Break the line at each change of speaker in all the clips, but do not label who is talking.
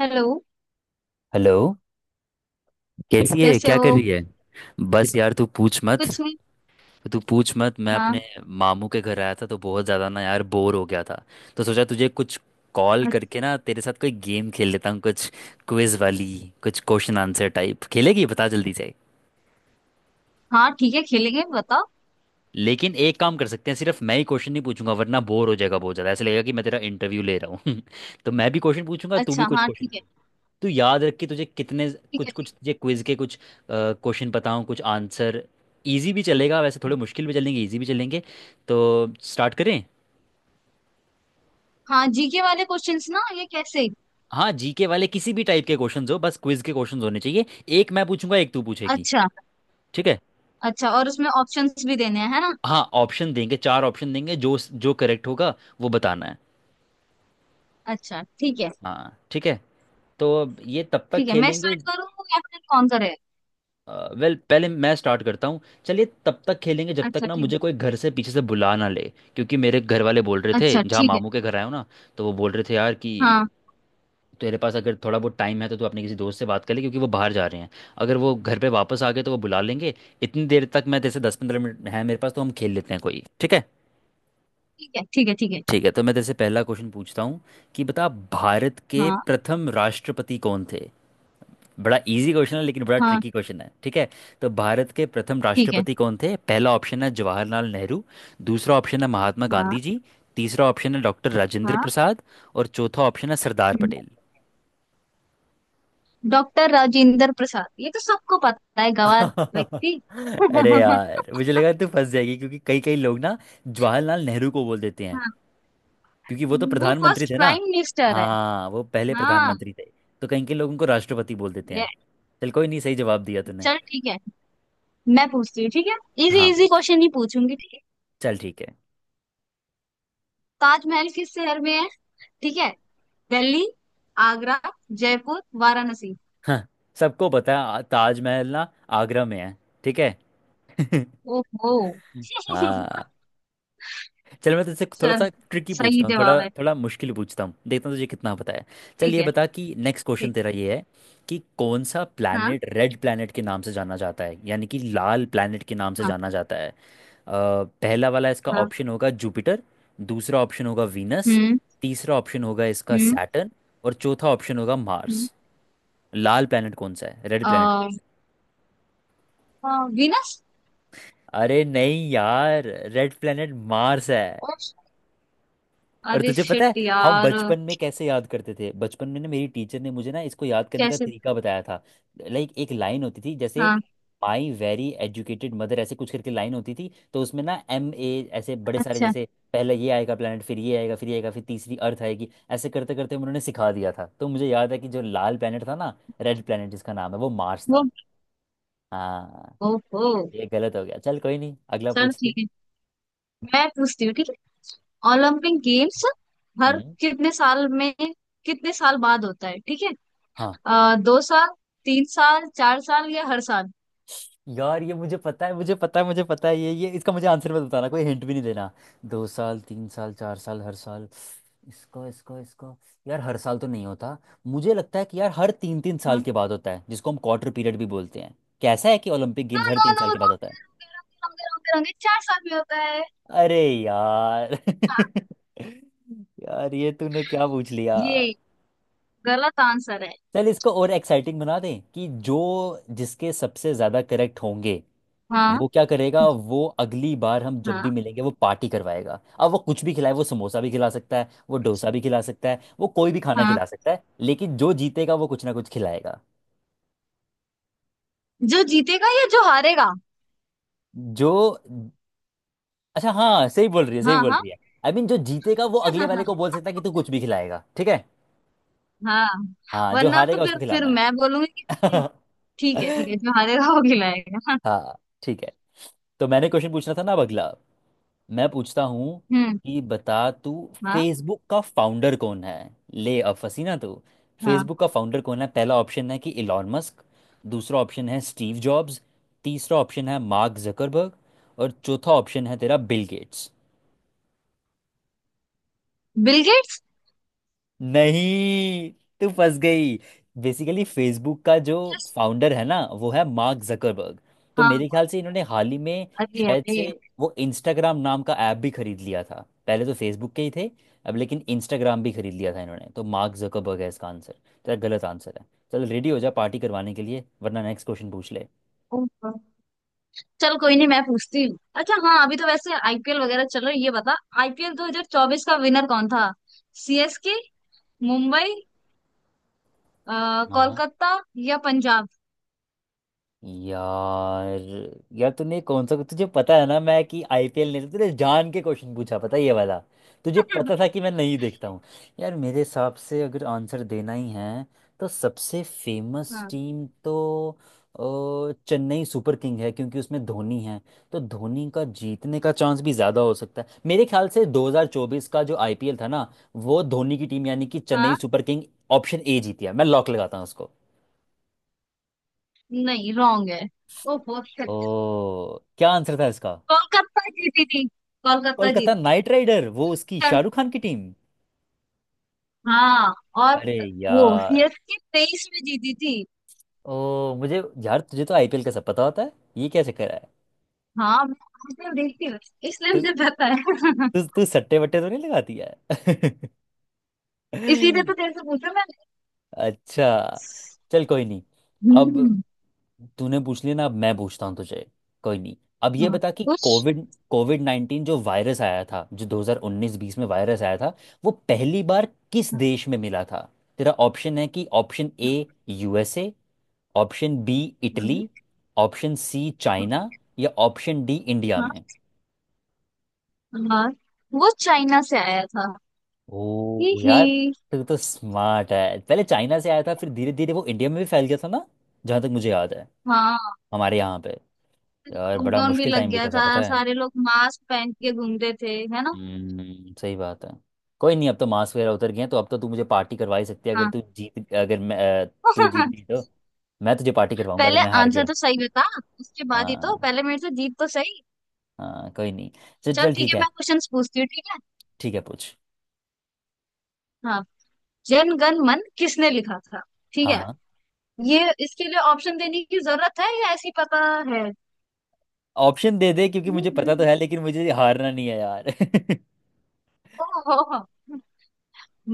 Hello.
Hello. कैसी है,
कैसे
क्या
हो?
कर रही है? बस यार तू पूछ मत।
कुछ नहीं।
मैं अपने
हाँ।
मामू के घर आया था तो बहुत ज़्यादा ना यार बोर हो गया था। तो सोचा तुझे कुछ कॉल करके
अच्छ-
ना तेरे साथ कोई गेम खेल लेता हूँ, कुछ क्विज वाली, कुछ क्वेश्चन आंसर टाइप। खेलेगी? बता जल्दी से।
हाँ ठीक है, खेलेंगे, बताओ।
लेकिन एक काम कर सकते हैं, सिर्फ मैं ही क्वेश्चन नहीं पूछूंगा, वरना बोर हो जाएगा बहुत ज़्यादा, ऐसा लगेगा कि मैं तेरा इंटरव्यू ले रहा हूँ तो मैं भी क्वेश्चन पूछूंगा, तू भी
अच्छा
कुछ
हाँ
क्वेश्चन।
ठीक है।
तू याद रख कि तुझे कितने
ठीक
कुछ
है
कुछ
ठीक
तुझे क्विज के कुछ क्वेश्चन बताऊं, कुछ आंसर। इजी भी चलेगा, वैसे
है।
थोड़े मुश्किल भी चलेंगे, इजी भी चलेंगे। तो स्टार्ट करें?
हाँ, जीके वाले क्वेश्चंस ना, ये कैसे?
हाँ, जीके वाले किसी भी टाइप के क्वेश्चंस हो, बस क्विज के क्वेश्चंस होने चाहिए। एक मैं पूछूंगा, एक तू पूछेगी।
अच्छा।
ठीक है।
अच्छा, और उसमें ऑप्शंस भी देने हैं, है ना?
हाँ, ऑप्शन देंगे, चार ऑप्शन देंगे, जो जो करेक्ट होगा वो बताना है।
अच्छा ठीक है।
हाँ ठीक है। तो अब ये तब तक
ठीक है, मैं
खेलेंगे।
स्टार्ट करूँ या फिर कौन करे?
वेल, पहले मैं स्टार्ट करता हूँ। चलिए, तब तक खेलेंगे जब तक
अच्छा
ना
ठीक।
मुझे कोई घर से पीछे से बुला ना ले। क्योंकि मेरे घर वाले बोल रहे थे,
अच्छा
जहाँ
ठीक है।
मामू के घर आया हूँ ना, तो वो बोल रहे थे यार कि
हाँ
तेरे पास अगर थोड़ा बहुत टाइम है तो तू अपने किसी दोस्त से बात कर ले, क्योंकि वो बाहर जा रहे हैं। अगर वो घर पे वापस आ गए तो वो बुला लेंगे। इतनी देर तक, मैं जैसे 10 15 मिनट है मेरे पास, तो हम खेल लेते हैं कोई। ठीक है?
ठीक है। ठीक है ठीक है।
ठीक है, तो मैं जैसे पहला क्वेश्चन पूछता हूँ, कि बता, भारत के
हाँ
प्रथम राष्ट्रपति कौन थे? बड़ा इजी क्वेश्चन है लेकिन बड़ा
हाँ
ट्रिकी क्वेश्चन है, ठीक है? तो भारत के प्रथम
ठीक है।
राष्ट्रपति कौन थे? पहला ऑप्शन है जवाहरलाल नेहरू, दूसरा ऑप्शन है महात्मा
हाँ
गांधी जी, तीसरा ऑप्शन है डॉक्टर राजेंद्र
हाँ।
प्रसाद, और चौथा ऑप्शन है सरदार
हम्म।
पटेल।
डॉक्टर राजेंद्र प्रसाद, ये तो सबको पता है, गवार व्यक्ति।
अरे यार, मुझे लगा तू फंस जाएगी, क्योंकि कई कई लोग ना जवाहरलाल नेहरू को बोल देते हैं,
हाँ,
क्योंकि वो तो
वो
प्रधानमंत्री
फर्स्ट
थे ना।
प्राइम मिनिस्टर है।
हाँ वो पहले
हाँ।
प्रधानमंत्री थे, तो कई कई लोग उनको राष्ट्रपति बोल देते
ये।
हैं। चल कोई नहीं, सही जवाब दिया तूने।
चल ठीक है, मैं पूछती हूँ, ठीक है? इजी
हाँ
इजी
पूछ,
क्वेश्चन ही पूछूंगी, ठीक है।
चल ठीक है।
ताजमहल किस शहर में है? ठीक है। दिल्ली, आगरा, जयपुर, वाराणसी।
हाँ, सबको पता है, ताजमहल ना आगरा में है। ठीक है।
ओहो।
हाँ, चल मैं तुझसे थोड़ा
सर।
सा ट्रिकी
सही
पूछता हूँ, थोड़ा
जवाब है।
थोड़ा मुश्किल पूछता हूँ, देखता हूँ तुझे कितना पता है। चल
ठीक
ये
है
बता कि नेक्स्ट क्वेश्चन
ठीक है।
तेरा ये है कि कौन सा
हाँ
प्लैनेट रेड प्लैनेट के नाम से जाना जाता है, यानी कि लाल प्लैनेट के नाम से
हाँ
जाना जाता है। पहला वाला इसका
हाँ।
ऑप्शन होगा जुपिटर, दूसरा ऑप्शन होगा वीनस,
हम्म।
तीसरा ऑप्शन होगा इसका
हम्म।
सैटर्न, और चौथा ऑप्शन होगा
हम्म।
मार्स। लाल प्लैनेट कौन सा है, रेड प्लैनेट?
अ। हाँ, वीनस।
अरे नहीं यार, रेड प्लेनेट मार्स है।
ओ।
और
अरे
तुझे पता
शिट
है हम
यार।
बचपन में कैसे याद करते थे? बचपन में ना मेरी टीचर ने मुझे ना इसको याद करने का
कैसे?
तरीका बताया था। लाइक एक लाइन होती थी, जैसे
हाँ।
माई वेरी एजुकेटेड मदर, ऐसे कुछ करके लाइन होती थी, तो उसमें ना एम ए ऐसे बड़े सारे,
अच्छा।
जैसे पहले ये आएगा planet, फिर ये आएगा, फिर ये आएगा, फिर तीसरी अर्थ आएगी, ऐसे करते करते उन्होंने सिखा दिया था। तो मुझे याद है कि जो लाल planet था ना, रेड planet जिसका नाम है, वो मार्स
वो।
था। हाँ,
ओहो।
ये गलत हो गया, चल कोई नहीं, अगला
चल
पूछ तू।
ठीक है, मैं पूछती हूँ, ठीक है? ओलंपिक गेम्स हर
हम्म।
कितने साल में, कितने साल बाद होता है? ठीक है।
हाँ
अ, 2 साल, 3 साल, 4 साल या हर साल?
यार ये मुझे पता है, ये इसका मुझे आंसर मत बताना, कोई हिंट भी नहीं देना। दो साल, तीन साल, चार साल, हर साल। इसका इसका इसका यार, हर साल तो नहीं होता। मुझे लगता है कि यार हर तीन तीन साल
हाँ।
के बाद होता है, जिसको हम क्वार्टर पीरियड भी बोलते हैं। कैसा है कि ओलंपिक गेम्स
हाँ,
हर
नो
तीन साल
नो
के बाद होता है?
नो, 4 साल में होता है।
अरे यार
हाँ।
यार ये तूने क्या पूछ लिया।
ये गलत आंसर है।
चल इसको और एक्साइटिंग बना दें, कि जो जिसके सबसे ज्यादा करेक्ट होंगे
हाँ
वो क्या करेगा, वो अगली बार हम जब भी
हाँ।
मिलेंगे वो पार्टी करवाएगा। अब वो कुछ भी खिलाए, वो समोसा भी खिला सकता है, वो डोसा भी खिला सकता है, वो कोई भी खाना
हाँ,
खिला सकता है, लेकिन जो जीतेगा वो कुछ ना कुछ खिलाएगा।
जो जीतेगा या जो हारेगा?
जो, अच्छा हाँ, सही बोल रही है, सही
हाँ
बोल
हाँ।
रही है। आई मीन जो जीतेगा वो अगले वाले को बोल सकता है कि तू कुछ भी खिलाएगा, ठीक है?
हाँ।
हाँ, जो
वरना तो
हारेगा उसको
फिर
खिलाना है।
मैं बोलूंगी कि ठीक। ठीक है ठीक है, जो हारेगा वो खिलाएगा।
हाँ ठीक है। तो मैंने क्वेश्चन पूछना था ना, अब अगला मैं पूछता हूँ,
हम्म।
कि बता तू,
हाँ।
फेसबुक का फाउंडर कौन है? ले, अब फंसी ना तू।
हाँ।
फेसबुक का फाउंडर कौन है? पहला ऑप्शन है कि इलॉन मस्क, दूसरा ऑप्शन है स्टीव जॉब्स, तीसरा ऑप्शन है मार्क जकरबर्ग, और चौथा ऑप्शन है तेरा बिल गेट्स।
Bill Gates.
नहीं, तू फंस गई। बेसिकली फेसबुक का जो
यस।
फाउंडर है ना वो है मार्क जकरबर्ग। तो
हाँ।
मेरे ख्याल से इन्होंने हाल ही में,
अरे
शायद
अरे।
से, वो इंस्टाग्राम नाम का ऐप भी खरीद लिया था, पहले तो फेसबुक के ही थे, अब लेकिन इंस्टाग्राम भी खरीद लिया था इन्होंने। तो मार्क जकरबर्ग है इसका आंसर, तेरा गलत आंसर है। चल, रेडी हो जा पार्टी करवाने के लिए, वरना नेक्स्ट क्वेश्चन पूछ ले।
ओहो। चल कोई नहीं, मैं पूछती हूँ। अच्छा हाँ, अभी तो वैसे आईपीएल वगैरह चल रहा है, ये बता, आईपीएल 2024 का विनर कौन था? सीएसके, मुंबई, अ,
हाँ हाँ।
कोलकाता या पंजाब?
यार, यार तूने कौन सा, तुझे पता है ना मैं कि आईपीएल नहीं, तूने जान के क्वेश्चन पूछा, पता है, ये वाला तुझे पता था कि मैं नहीं देखता हूँ। यार मेरे हिसाब से अगर आंसर देना ही है, तो सबसे फेमस
हाँ
टीम तो, चेन्नई सुपर किंग है, क्योंकि उसमें धोनी है। तो धोनी का जीतने का चांस भी ज़्यादा हो सकता है। मेरे ख्याल से 2024 का जो आईपीएल था ना, वो धोनी की टीम यानी कि चेन्नई
हाँ।
सुपर किंग, ऑप्शन ए जीती है। मैं लॉक लगाता हूँ उसको।
नहीं, रॉन्ग है। ओहो
ओ,
shit।
क्या आंसर था इसका?
कोलकाता जीती थी, कोलकाता
कोलकाता
जीती।
नाइट राइडर, वो उसकी
चल।
शाहरुख खान की टीम।
हाँ। और
अरे
वो
यार।
सीएसके 23 में जीती थी।
ओ, मुझे यार तुझे तो आईपीएल का सब पता होता है, ये क्या चक्कर है?
हाँ, मैं आईपीएल देखती हूँ, इसलिए
तू
मुझे पता है।
तू तू सट्टे वट्टे तो नहीं लगाती है?
इसीलिए तो तेरे से पूछा मैंने।
अच्छा, चल कोई नहीं। अब
हम्म।
तूने पूछ लिया ना, अब मैं पूछता हूँ तुझे। कोई नहीं, अब ये
हाँ,
बता कि
उस।
कोविड, कोविड नाइन्टीन जो वायरस आया था, जो 2019-20 में वायरस आया था, वो पहली बार किस देश में मिला था? तेरा ऑप्शन है कि option A USA, option B Italy, option C
हाँ।
चाइना, या ऑप्शन डी इंडिया में।
हाँ, वो चाइना से आया था। ही
ओ यार,
ही।
तू तो स्मार्ट है। पहले चाइना से आया था, फिर धीरे धीरे वो इंडिया में भी फैल गया था ना, जहाँ तक मुझे याद है।
हाँ,
हमारे यहाँ पे यार बड़ा
लॉकडाउन भी
मुश्किल
लग
टाइम
गया
बीता था,
था,
पता है।
सारे लोग मास्क पहन के घूमते थे, है ना?
हम्म, सही बात है। कोई नहीं, अब तो मास्क वगैरह उतर गए हैं, तो अब तो तू मुझे पार्टी करवा ही सकती है, अगर
हाँ।
तू जीत, अगर मैं, अ, तू जीत गई तो मैं तुझे पार्टी करवाऊंगा, अगर
पहले
मैं हार
आंसर
गया।
तो सही बता, उसके बाद ही तो,
हाँ
पहले मेरे से जीत तो सही।
हाँ, कोई नहीं, चल
चल
चल
ठीक
ठीक
है,
है।
मैं क्वेश्चंस पूछती हूँ, ठीक है?
ठीक है पूछ।
हाँ। जन गण मन किसने लिखा था? ठीक
हाँ
है।
हाँ,
ये इसके लिए ऑप्शन देने की जरूरत है या ऐसे ही पता है?
ऑप्शन दे दे, क्योंकि
हम्म,
मुझे पता तो
हम्म,
है, लेकिन मुझे हारना नहीं है यार
ओहो।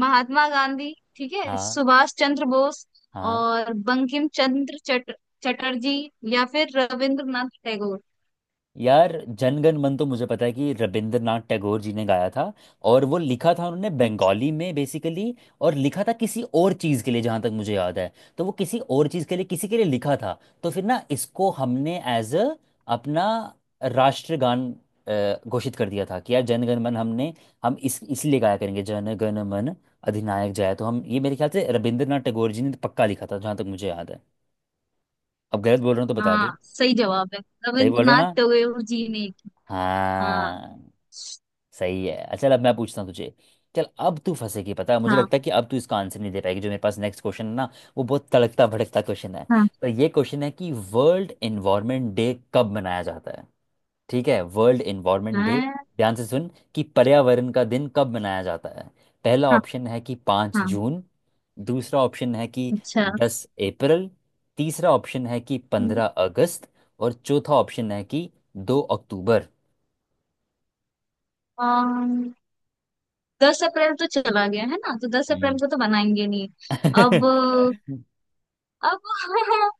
महात्मा गांधी, ठीक है,
हाँ
सुभाष चंद्र बोस,
हाँ।
और बंकिम चंद्र चट, चटर्जी, या फिर रविंद्रनाथ टैगोर।
यार जनगण मन तो मुझे पता है कि रविंद्रनाथ टैगोर जी ने गाया था। और वो लिखा था उन्होंने
अच्छा
बंगाली में बेसिकली। और लिखा था किसी और चीज़ के लिए, जहाँ तक मुझे याद है। तो वो किसी और चीज़ के लिए, किसी के लिए लिखा था। तो फिर ना इसको हमने एज अ अपना राष्ट्रगान घोषित कर दिया था कि यार जनगण मन हमने, हम इस इसलिए गाया करेंगे, जनगण मन अधिनायक जय। तो हम ये मेरे ख्याल से रविंद्रनाथ टैगोर जी ने पक्का लिखा था, जहाँ तक मुझे याद है। अब गलत बोल रहा हूँ तो बता दे।
हाँ, सही जवाब है,
सही बोल
रविंद्रनाथ
रहा?
टैगोर जी ने। हाँ।
हाँ, सही है। अच्छा चल, अब मैं पूछता हूँ तुझे। चल, अब तू फंसेगी, पता है मुझे
हाँ
लगता है कि अब तू इसका आंसर नहीं दे पाएगी। जो मेरे पास नेक्स्ट क्वेश्चन है ना, वो बहुत तड़कता भड़कता क्वेश्चन है।
हाँ
तो ये क्वेश्चन है कि वर्ल्ड एनवायरनमेंट डे कब मनाया जाता है? ठीक है, वर्ल्ड एनवायरनमेंट डे,
हाँ
ध्यान से सुन, कि पर्यावरण का दिन कब मनाया जाता है? पहला
हाँ
ऑप्शन है कि पाँच
हाँ,
जून दूसरा ऑप्शन है कि
अच्छा,
10 अप्रैल, तीसरा ऑप्शन है कि
अम्म,
15 अगस्त, और चौथा ऑप्शन है कि 2 अक्टूबर।
10 अप्रैल तो चला गया है ना, तो 10 अप्रैल
हम्म,
को तो बनाएंगे नहीं। अब। अब।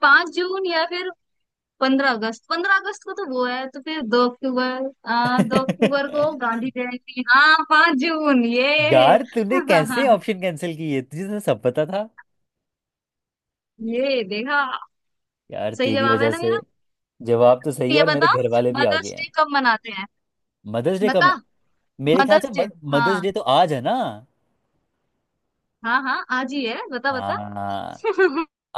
5 जून या फिर 15 अगस्त, 15 अगस्त को तो वो है, तो फिर 2 अक्टूबर, आ, 2 अक्टूबर को गांधी जयंती, हाँ 5 जून, ये।
यार तूने कैसे ऑप्शन कैंसिल किए, तुझे तो सब पता था।
ये देखा,
यार
सही
तेरी
जवाब है
वजह
ना मेरा।
से, जवाब तो
तो
सही है,
ये
और मेरे
बता,
घर वाले भी आ गए
मदर्स
हैं।
डे कब मनाते हैं?
मदर्स डे
बता,
कब? मेरे ख्याल से
मदर्स डे। हाँ
मदर्स डे तो आज है ना।
हाँ, हाँ आज ही है, बता बता।
हाँ।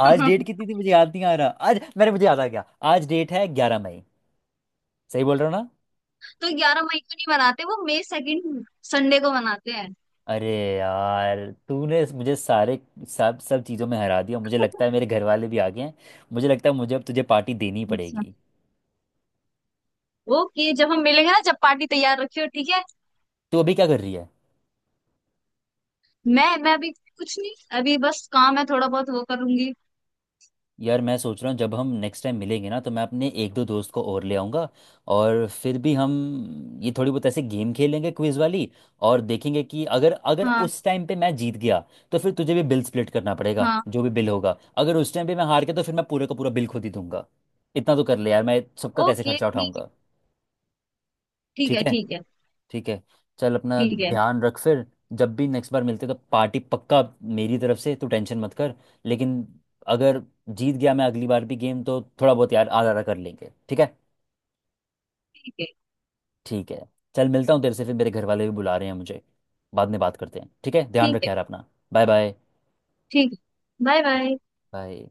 आज डेट कितनी थी, मुझे याद नहीं आ रहा। आज, मेरे, मुझे याद आ गया, आज डेट है 11 मई। सही बोल रहा हूँ ना?
तो 11 मई को नहीं मनाते, वो मई सेकंड संडे को मनाते हैं।
अरे यार, तूने मुझे सारे, सब सब चीज़ों में हरा दिया। मुझे लगता है मेरे घर वाले भी आ गए हैं, मुझे लगता है मुझे अब तुझे पार्टी देनी
अच्छा।
पड़ेगी।
ओके, जब हम मिलेंगे ना, जब पार्टी तैयार रखियो, ठीक है?
तो अभी क्या कर रही है?
मैं अभी कुछ नहीं, अभी बस काम है, थोड़ा बहुत वो करूंगी।
यार मैं सोच रहा हूँ जब हम नेक्स्ट टाइम मिलेंगे ना, तो मैं अपने एक दो दोस्त को और ले आऊँगा, और फिर भी हम ये थोड़ी बहुत ऐसे गेम खेलेंगे, क्विज वाली। और देखेंगे कि अगर, अगर
हाँ।
उस टाइम पे मैं जीत गया तो फिर तुझे भी बिल स्प्लिट करना पड़ेगा,
हाँ।
जो भी बिल होगा। अगर उस टाइम पे मैं हार गया तो फिर मैं पूरे का पूरा बिल खुद ही दूंगा। इतना तो कर ले यार, मैं सबका कैसे
ओके
खर्चा
ठीक
उठाऊंगा? ठीक
है।
है।
ठीक है
ठीक है, चल अपना
ठीक है।
ध्यान रख फिर। जब भी नेक्स्ट बार मिलते तो पार्टी पक्का, मेरी तरफ से तू टेंशन मत कर। लेकिन अगर जीत गया मैं अगली बार भी गेम, तो थोड़ा बहुत यार आधा आधा कर लेंगे, ठीक है?
ठीक है ठीक है।
ठीक है। चल, मिलता हूँ तेरे से फिर, मेरे घर वाले भी बुला रहे हैं मुझे, बाद में बात करते हैं। ठीक है, ध्यान
ठीक
रख
है।
यार अपना। Bye bye.
ठीक है। Bye bye.
बाय।